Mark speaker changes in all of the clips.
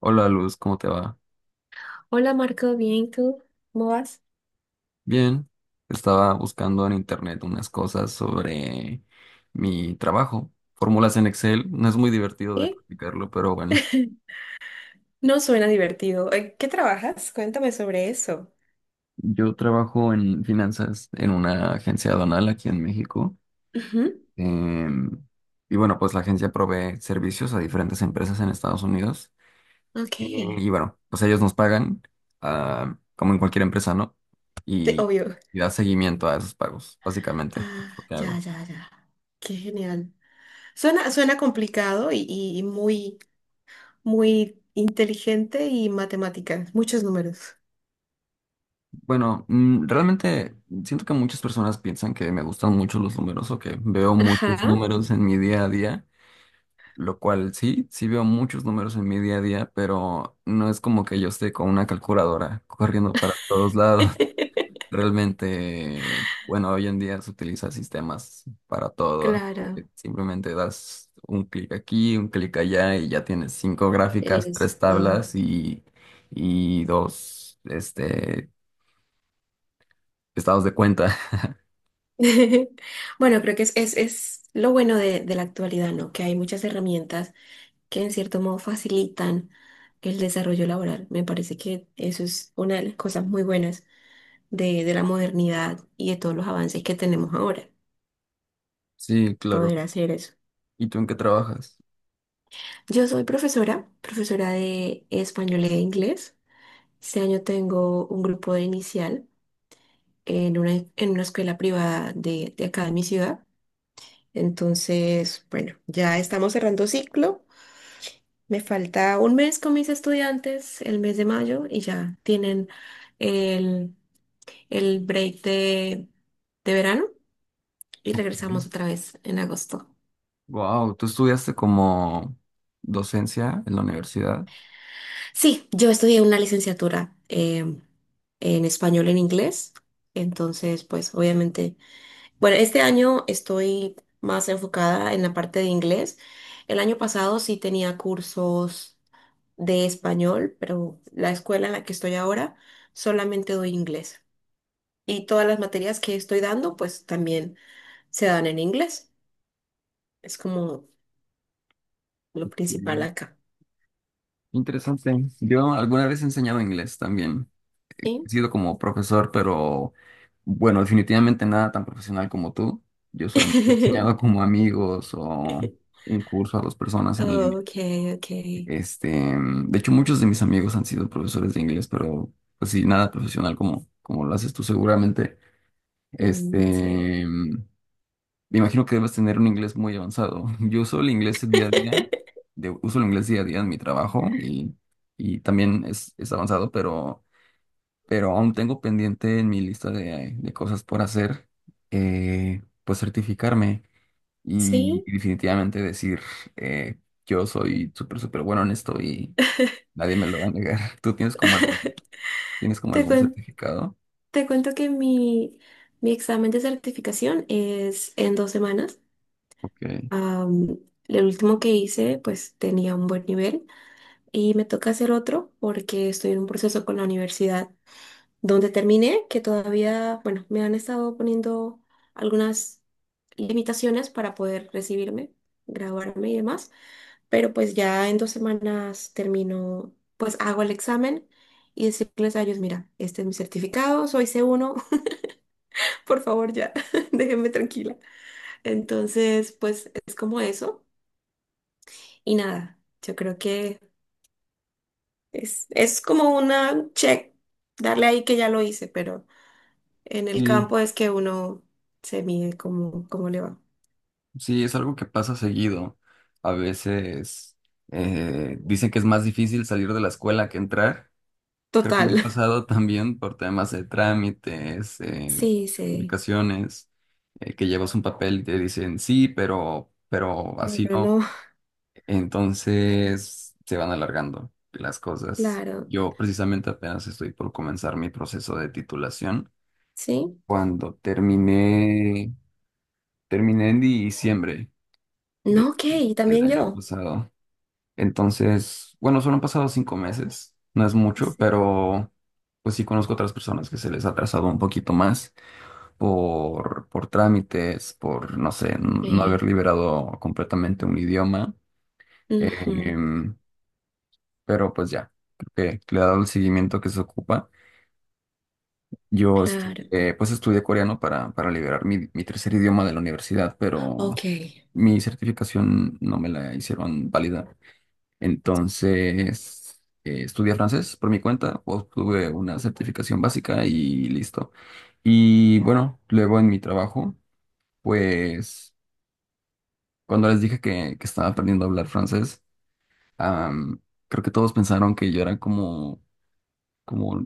Speaker 1: Hola Luz, ¿cómo te va?
Speaker 2: Hola Marco, bien, ¿tú? ¿Cómo vas?
Speaker 1: Bien, estaba buscando en internet unas cosas sobre mi trabajo. Fórmulas en Excel, no es muy divertido de
Speaker 2: ¿Eh?
Speaker 1: practicarlo, pero bueno.
Speaker 2: No suena divertido. ¿Qué trabajas? Cuéntame sobre eso.
Speaker 1: Yo trabajo en finanzas en una agencia aduanal aquí en México.
Speaker 2: Ujú.
Speaker 1: Em, y bueno, pues la agencia provee servicios a diferentes empresas en Estados Unidos.
Speaker 2: Ok,
Speaker 1: Eh, y bueno, pues ellos nos pagan, ah, como en cualquier empresa, ¿no? Y,
Speaker 2: Obvio.
Speaker 1: y da seguimiento a esos pagos, básicamente, lo
Speaker 2: Ah,
Speaker 1: que
Speaker 2: ya,
Speaker 1: hago.
Speaker 2: ya, ya. Qué genial. Suena complicado y muy, muy inteligente y matemáticas, muchos números.
Speaker 1: Bueno, realmente siento que muchas personas piensan que me gustan mucho los números o que veo muchos
Speaker 2: Ajá.
Speaker 1: números en mi día a día, lo cual sí, sí veo muchos números en mi día a día, pero no es como que yo esté con una calculadora corriendo para todos lados. Realmente, bueno, hoy en día se utilizan sistemas para todo. Así
Speaker 2: Claro,
Speaker 1: que simplemente das un clic aquí, un clic allá y ya tienes cinco
Speaker 2: el
Speaker 1: gráficas, tres
Speaker 2: esto.
Speaker 1: tablas y dos, este, estados de cuenta.
Speaker 2: Bueno, creo que es lo bueno de la actualidad, ¿no? Que hay muchas herramientas que en cierto modo facilitan el desarrollo laboral. Me parece que eso es una de las cosas muy buenas de la modernidad y de todos los avances que tenemos ahora,
Speaker 1: Sí, claro.
Speaker 2: poder hacer eso.
Speaker 1: ¿Y tú en qué trabajas?
Speaker 2: Yo soy profesora, profesora de español e inglés. Este año tengo un grupo de inicial en una escuela privada de acá de mi ciudad. Entonces, bueno, ya estamos cerrando ciclo. Me falta un mes con mis estudiantes, el mes de mayo, y ya tienen el, el break de verano y regresamos otra vez en agosto.
Speaker 1: Wow, tú estudiaste como docencia en la universidad.
Speaker 2: Sí, yo estudié una licenciatura en español en inglés, entonces pues obviamente, bueno, este año estoy más enfocada en la parte de inglés. El año pasado sí tenía cursos de español, pero la escuela en la que estoy ahora solamente doy inglés. Y todas las materias que estoy dando pues también se dan en inglés. Es como lo principal
Speaker 1: Ok.
Speaker 2: acá.
Speaker 1: Interesante. Yo alguna vez he enseñado inglés también. He
Speaker 2: Sí.
Speaker 1: sido como profesor, pero bueno, definitivamente nada tan profesional como tú. Yo solamente he enseñado como amigos o un curso a dos personas en línea.
Speaker 2: Ok, ok.
Speaker 1: Este, de hecho, muchos de mis amigos han sido profesores de inglés, pero pues sí, nada profesional como lo haces tú seguramente.
Speaker 2: Mm, sí.
Speaker 1: Este, me imagino que debes tener un inglés muy avanzado. Yo uso el inglés día a día, uso el inglés día a día en mi trabajo y también es avanzado, pero aún tengo pendiente en mi lista de cosas por hacer, pues certificarme y
Speaker 2: Sí.
Speaker 1: definitivamente decir, eh, yo soy súper, súper bueno en esto y nadie me lo va a negar. ¿Tú tienes como
Speaker 2: Te
Speaker 1: algún
Speaker 2: cuen-
Speaker 1: certificado?
Speaker 2: te cuento que mi examen de certificación es en 2 semanas.
Speaker 1: Ok.
Speaker 2: Am, el último que hice, pues tenía un buen nivel y me toca hacer otro porque estoy en un proceso con la universidad donde terminé, que todavía, bueno, me han estado poniendo algunas limitaciones para poder recibirme, graduarme y demás. Pero pues ya en 2 semanas termino, pues hago el examen y decirles a ellos, mira, este es mi certificado, soy C1 por favor ya, déjenme tranquila. Entonces, pues es como eso y nada, yo creo que es como una check, darle ahí que ya lo hice, pero en el
Speaker 1: Sí.
Speaker 2: campo es que uno se mide cómo le va.
Speaker 1: Sí, es algo que pasa seguido. A veces dicen que es más difícil salir de la escuela que entrar. Creo que
Speaker 2: Total.
Speaker 1: me ha pasado también por temas de trámites,
Speaker 2: Sí, sí.
Speaker 1: certificaciones, que llevas un papel y te dicen sí, pero así
Speaker 2: Pero
Speaker 1: no.
Speaker 2: no,
Speaker 1: Entonces se van alargando las cosas.
Speaker 2: claro,
Speaker 1: Yo precisamente apenas estoy por comenzar mi proceso de titulación.
Speaker 2: sí.
Speaker 1: Cuando terminé, terminé en diciembre de-
Speaker 2: No, ok,
Speaker 1: del
Speaker 2: también
Speaker 1: año
Speaker 2: yo.
Speaker 1: pasado. Entonces, bueno, solo han pasado 5 meses, no es mucho,
Speaker 2: Sí.
Speaker 1: pero pues sí conozco otras personas que se les ha atrasado un poquito más por trámites, por, no sé, no haber liberado completamente un idioma.
Speaker 2: Ujú,
Speaker 1: Em, pero pues ya, creo que le he dado el seguimiento que se ocupa. Yo
Speaker 2: claro.
Speaker 1: estudié, pues estudié coreano para liberar mi tercer idioma de la universidad, pero
Speaker 2: Ok.
Speaker 1: mi certificación no me la hicieron válida. Entonces, estudié francés por mi cuenta, obtuve una certificación básica y listo. Y bueno, luego en mi trabajo, pues cuando les dije que estaba aprendiendo a hablar francés, am, creo que todos pensaron que yo era como,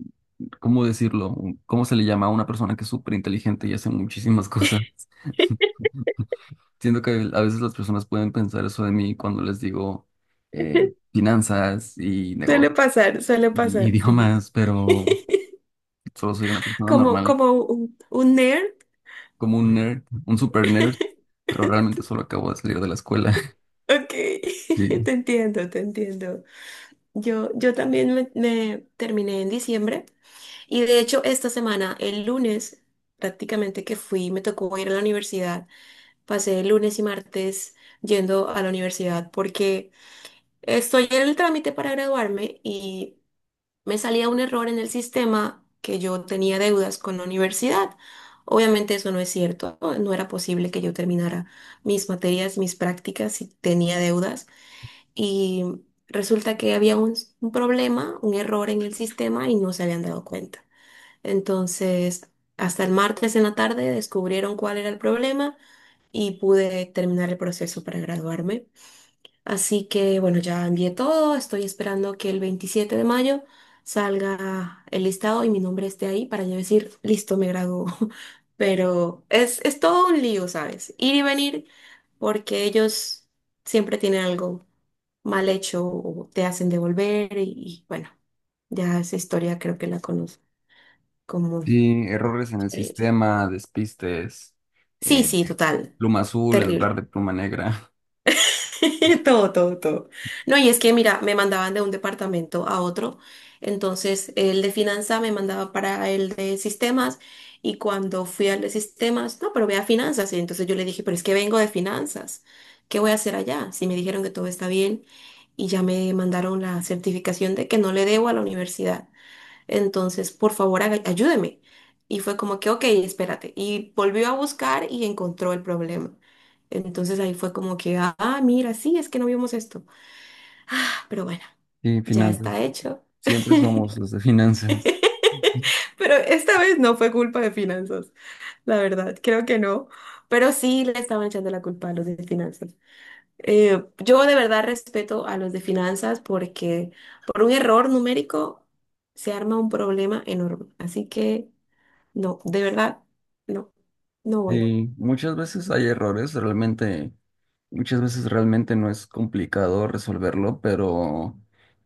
Speaker 1: ¿cómo decirlo? ¿Cómo se le llama a una persona que es súper inteligente y hace muchísimas cosas? Siento que a veces las personas pueden pensar eso de mí cuando les digo eh, finanzas y negocios
Speaker 2: Suele
Speaker 1: y
Speaker 2: pasar, sí.
Speaker 1: idiomas, pero solo soy una persona
Speaker 2: Como,
Speaker 1: normal,
Speaker 2: como un nerd.
Speaker 1: como un nerd, un super nerd, pero realmente solo acabo de salir de la escuela.
Speaker 2: Ok,
Speaker 1: Sí,
Speaker 2: te entiendo, te entiendo. Yo también me terminé en diciembre y de hecho esta semana, el lunes, prácticamente que fui, me tocó ir a la universidad. Pasé el lunes y martes yendo a la universidad porque estoy en el trámite para graduarme y me salía un error en el sistema que yo tenía deudas con la universidad. Obviamente eso no es cierto, no era posible que yo terminara mis materias, mis prácticas si tenía deudas y resulta que había un problema, un error en el sistema y no se habían dado cuenta. Entonces, hasta el martes en la tarde descubrieron cuál era el problema y pude terminar el proceso para graduarme. Así que bueno, ya envié todo, estoy esperando que el 27 de mayo salga el listado y mi nombre esté ahí para yo decir, listo, me graduó. Pero es todo un lío, ¿sabes? Ir y venir porque ellos siempre tienen algo mal hecho o te hacen devolver y, bueno, ya esa historia creo que la conozco como
Speaker 1: sí, errores en el
Speaker 2: experiencia.
Speaker 1: sistema, despistes,
Speaker 2: Sí,
Speaker 1: eh,
Speaker 2: sí, total.
Speaker 1: pluma azul en lugar
Speaker 2: Terrible.
Speaker 1: de pluma negra.
Speaker 2: Todo, todo, todo. No, y es que, mira, me mandaban de un departamento a otro. Entonces, el de finanzas me mandaba para el de sistemas. Y cuando fui al de sistemas, no, pero ve a finanzas. Y entonces yo le dije, pero es que vengo de finanzas. ¿Qué voy a hacer allá? Si me dijeron que todo está bien y ya me mandaron la certificación de que no le debo a la universidad. Entonces, por favor, ayúdeme. Y fue como que, ok, espérate. Y volvió a buscar y encontró el problema. Entonces ahí fue como que, ah, mira, sí, es que no vimos esto. Ah, pero bueno,
Speaker 1: Sí,
Speaker 2: ya
Speaker 1: finanzas.
Speaker 2: está hecho.
Speaker 1: Siempre somos los de finanzas.
Speaker 2: Pero esta vez no fue culpa de finanzas, la verdad, creo que no. Pero sí le estaban echando la culpa a los de finanzas. Yo de verdad respeto a los de finanzas porque por un error numérico se arma un problema enorme. Así que... No, de verdad, no, no voy.
Speaker 1: Sí, muchas veces hay errores, realmente, muchas veces realmente no es complicado resolverlo, pero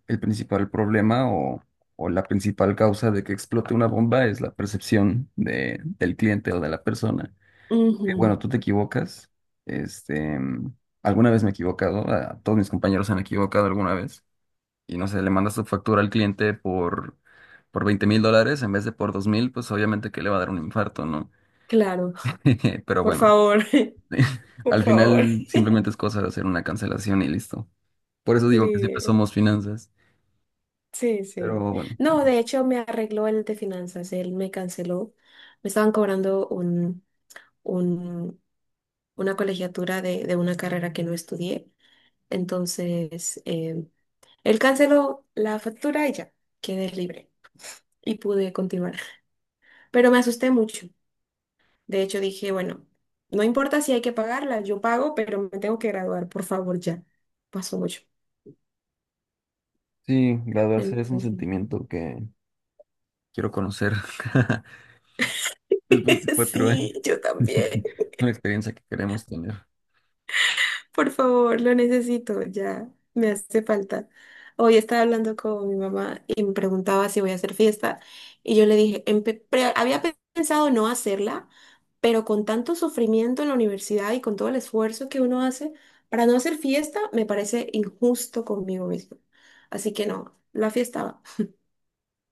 Speaker 1: el principal problema o la principal causa de que explote una bomba es la percepción del cliente o de la persona. Que,
Speaker 2: Ujú,
Speaker 1: bueno, tú te equivocas, este, alguna vez me he equivocado, a todos mis compañeros se han equivocado alguna vez, y no sé, le mandas tu factura al cliente por $20,000 en vez de por 2,000, pues obviamente que le va a dar un infarto, ¿no?
Speaker 2: claro,
Speaker 1: Pero
Speaker 2: por
Speaker 1: bueno.
Speaker 2: favor, por
Speaker 1: Al
Speaker 2: favor.
Speaker 1: final simplemente es cosa de hacer una cancelación y listo. Por eso digo que siempre
Speaker 2: Le-
Speaker 1: somos finanzas.
Speaker 2: Sí, sí.
Speaker 1: Pero bueno,
Speaker 2: No, de hecho me arregló el de finanzas, él me canceló. Me estaban cobrando un, una colegiatura de una carrera que no estudié. Entonces, él canceló la factura y ya, quedé libre y pude continuar. Pero me asusté mucho. De hecho, dije, bueno, no importa si hay que pagarla, yo pago, pero me tengo que graduar, por favor, ya. Pasó mucho.
Speaker 1: sí, graduarse es un
Speaker 2: Entonces,
Speaker 1: sentimiento que quiero conocer después de 4 años.
Speaker 2: sí, yo también.
Speaker 1: Es una experiencia que queremos tener.
Speaker 2: Por favor, lo necesito, ya. Me hace falta. Hoy estaba hablando con mi mamá y me preguntaba si voy a hacer fiesta. Y yo le dije, había pensado no hacerla, pero con tanto sufrimiento en la universidad y con todo el esfuerzo que uno hace para no hacer fiesta, me parece injusto conmigo mismo. Así que no, la fiesta va.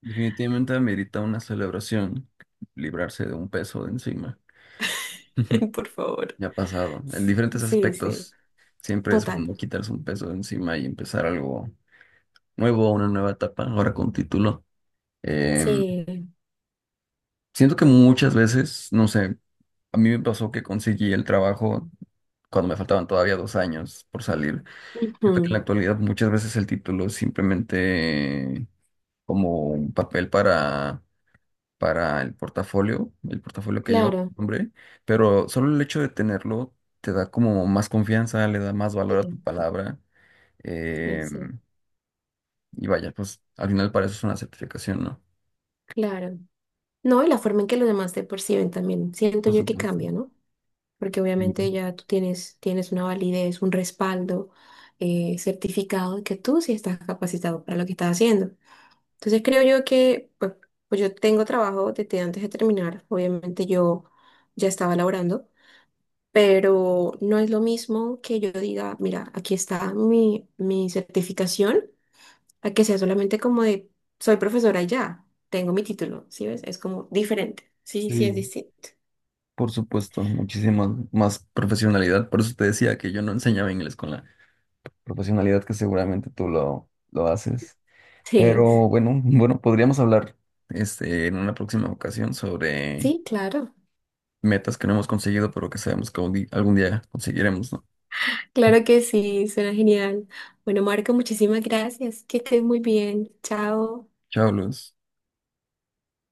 Speaker 1: Definitivamente amerita una celebración, librarse de un peso de encima.
Speaker 2: Por favor.
Speaker 1: Ya ha pasado. En diferentes
Speaker 2: Sí, sí,
Speaker 1: aspectos, siempre es
Speaker 2: total.
Speaker 1: bueno quitarse un peso de encima y empezar algo nuevo, una nueva etapa, ahora con título. Em,
Speaker 2: Sí.
Speaker 1: Siento que muchas veces, no sé, a mí me pasó que conseguí el trabajo cuando me faltaban todavía 2 años por salir. Siento que en la
Speaker 2: Ujú,
Speaker 1: actualidad muchas veces el título es simplemente como un papel para el portafolio que lleva tu
Speaker 2: claro,
Speaker 1: nombre, pero solo el hecho de tenerlo te da como más confianza, le da más
Speaker 2: sí,
Speaker 1: valor a tu palabra.
Speaker 2: sí,
Speaker 1: eh,
Speaker 2: sí.
Speaker 1: y vaya, pues al final para eso es una certificación, ¿no?
Speaker 2: Claro. No, y la forma en que los demás te perciben también, siento
Speaker 1: Por
Speaker 2: yo que
Speaker 1: supuesto.
Speaker 2: cambia, ¿no? Porque obviamente
Speaker 1: Sí.
Speaker 2: ya tú tienes una validez, un respaldo certificado de que tú sí estás capacitado para lo que estás haciendo. Entonces creo yo que, pues yo tengo trabajo desde antes de terminar, obviamente yo ya estaba laborando. Pero no es lo mismo que yo diga, mira, aquí está mi certificación, a que sea solamente como de, soy profesora y ya, tengo mi título, ¿sí ves? Es como diferente. Sí, sí, es
Speaker 1: Sí.
Speaker 2: distinto.
Speaker 1: Por supuesto, muchísima más profesionalidad. Por eso te decía que yo no enseñaba inglés con la profesionalidad que seguramente tú lo haces. Pero
Speaker 2: Sí,
Speaker 1: bueno, bueno, podríamos hablar este, en una próxima ocasión sobre
Speaker 2: sí, claro.
Speaker 1: metas que no hemos conseguido, pero que sabemos que un algún día conseguiremos, ¿no?
Speaker 2: Claro que sí, suena genial. Bueno, Marco, muchísimas gracias. Que estés muy bien. Chao.
Speaker 1: Chao, Luz.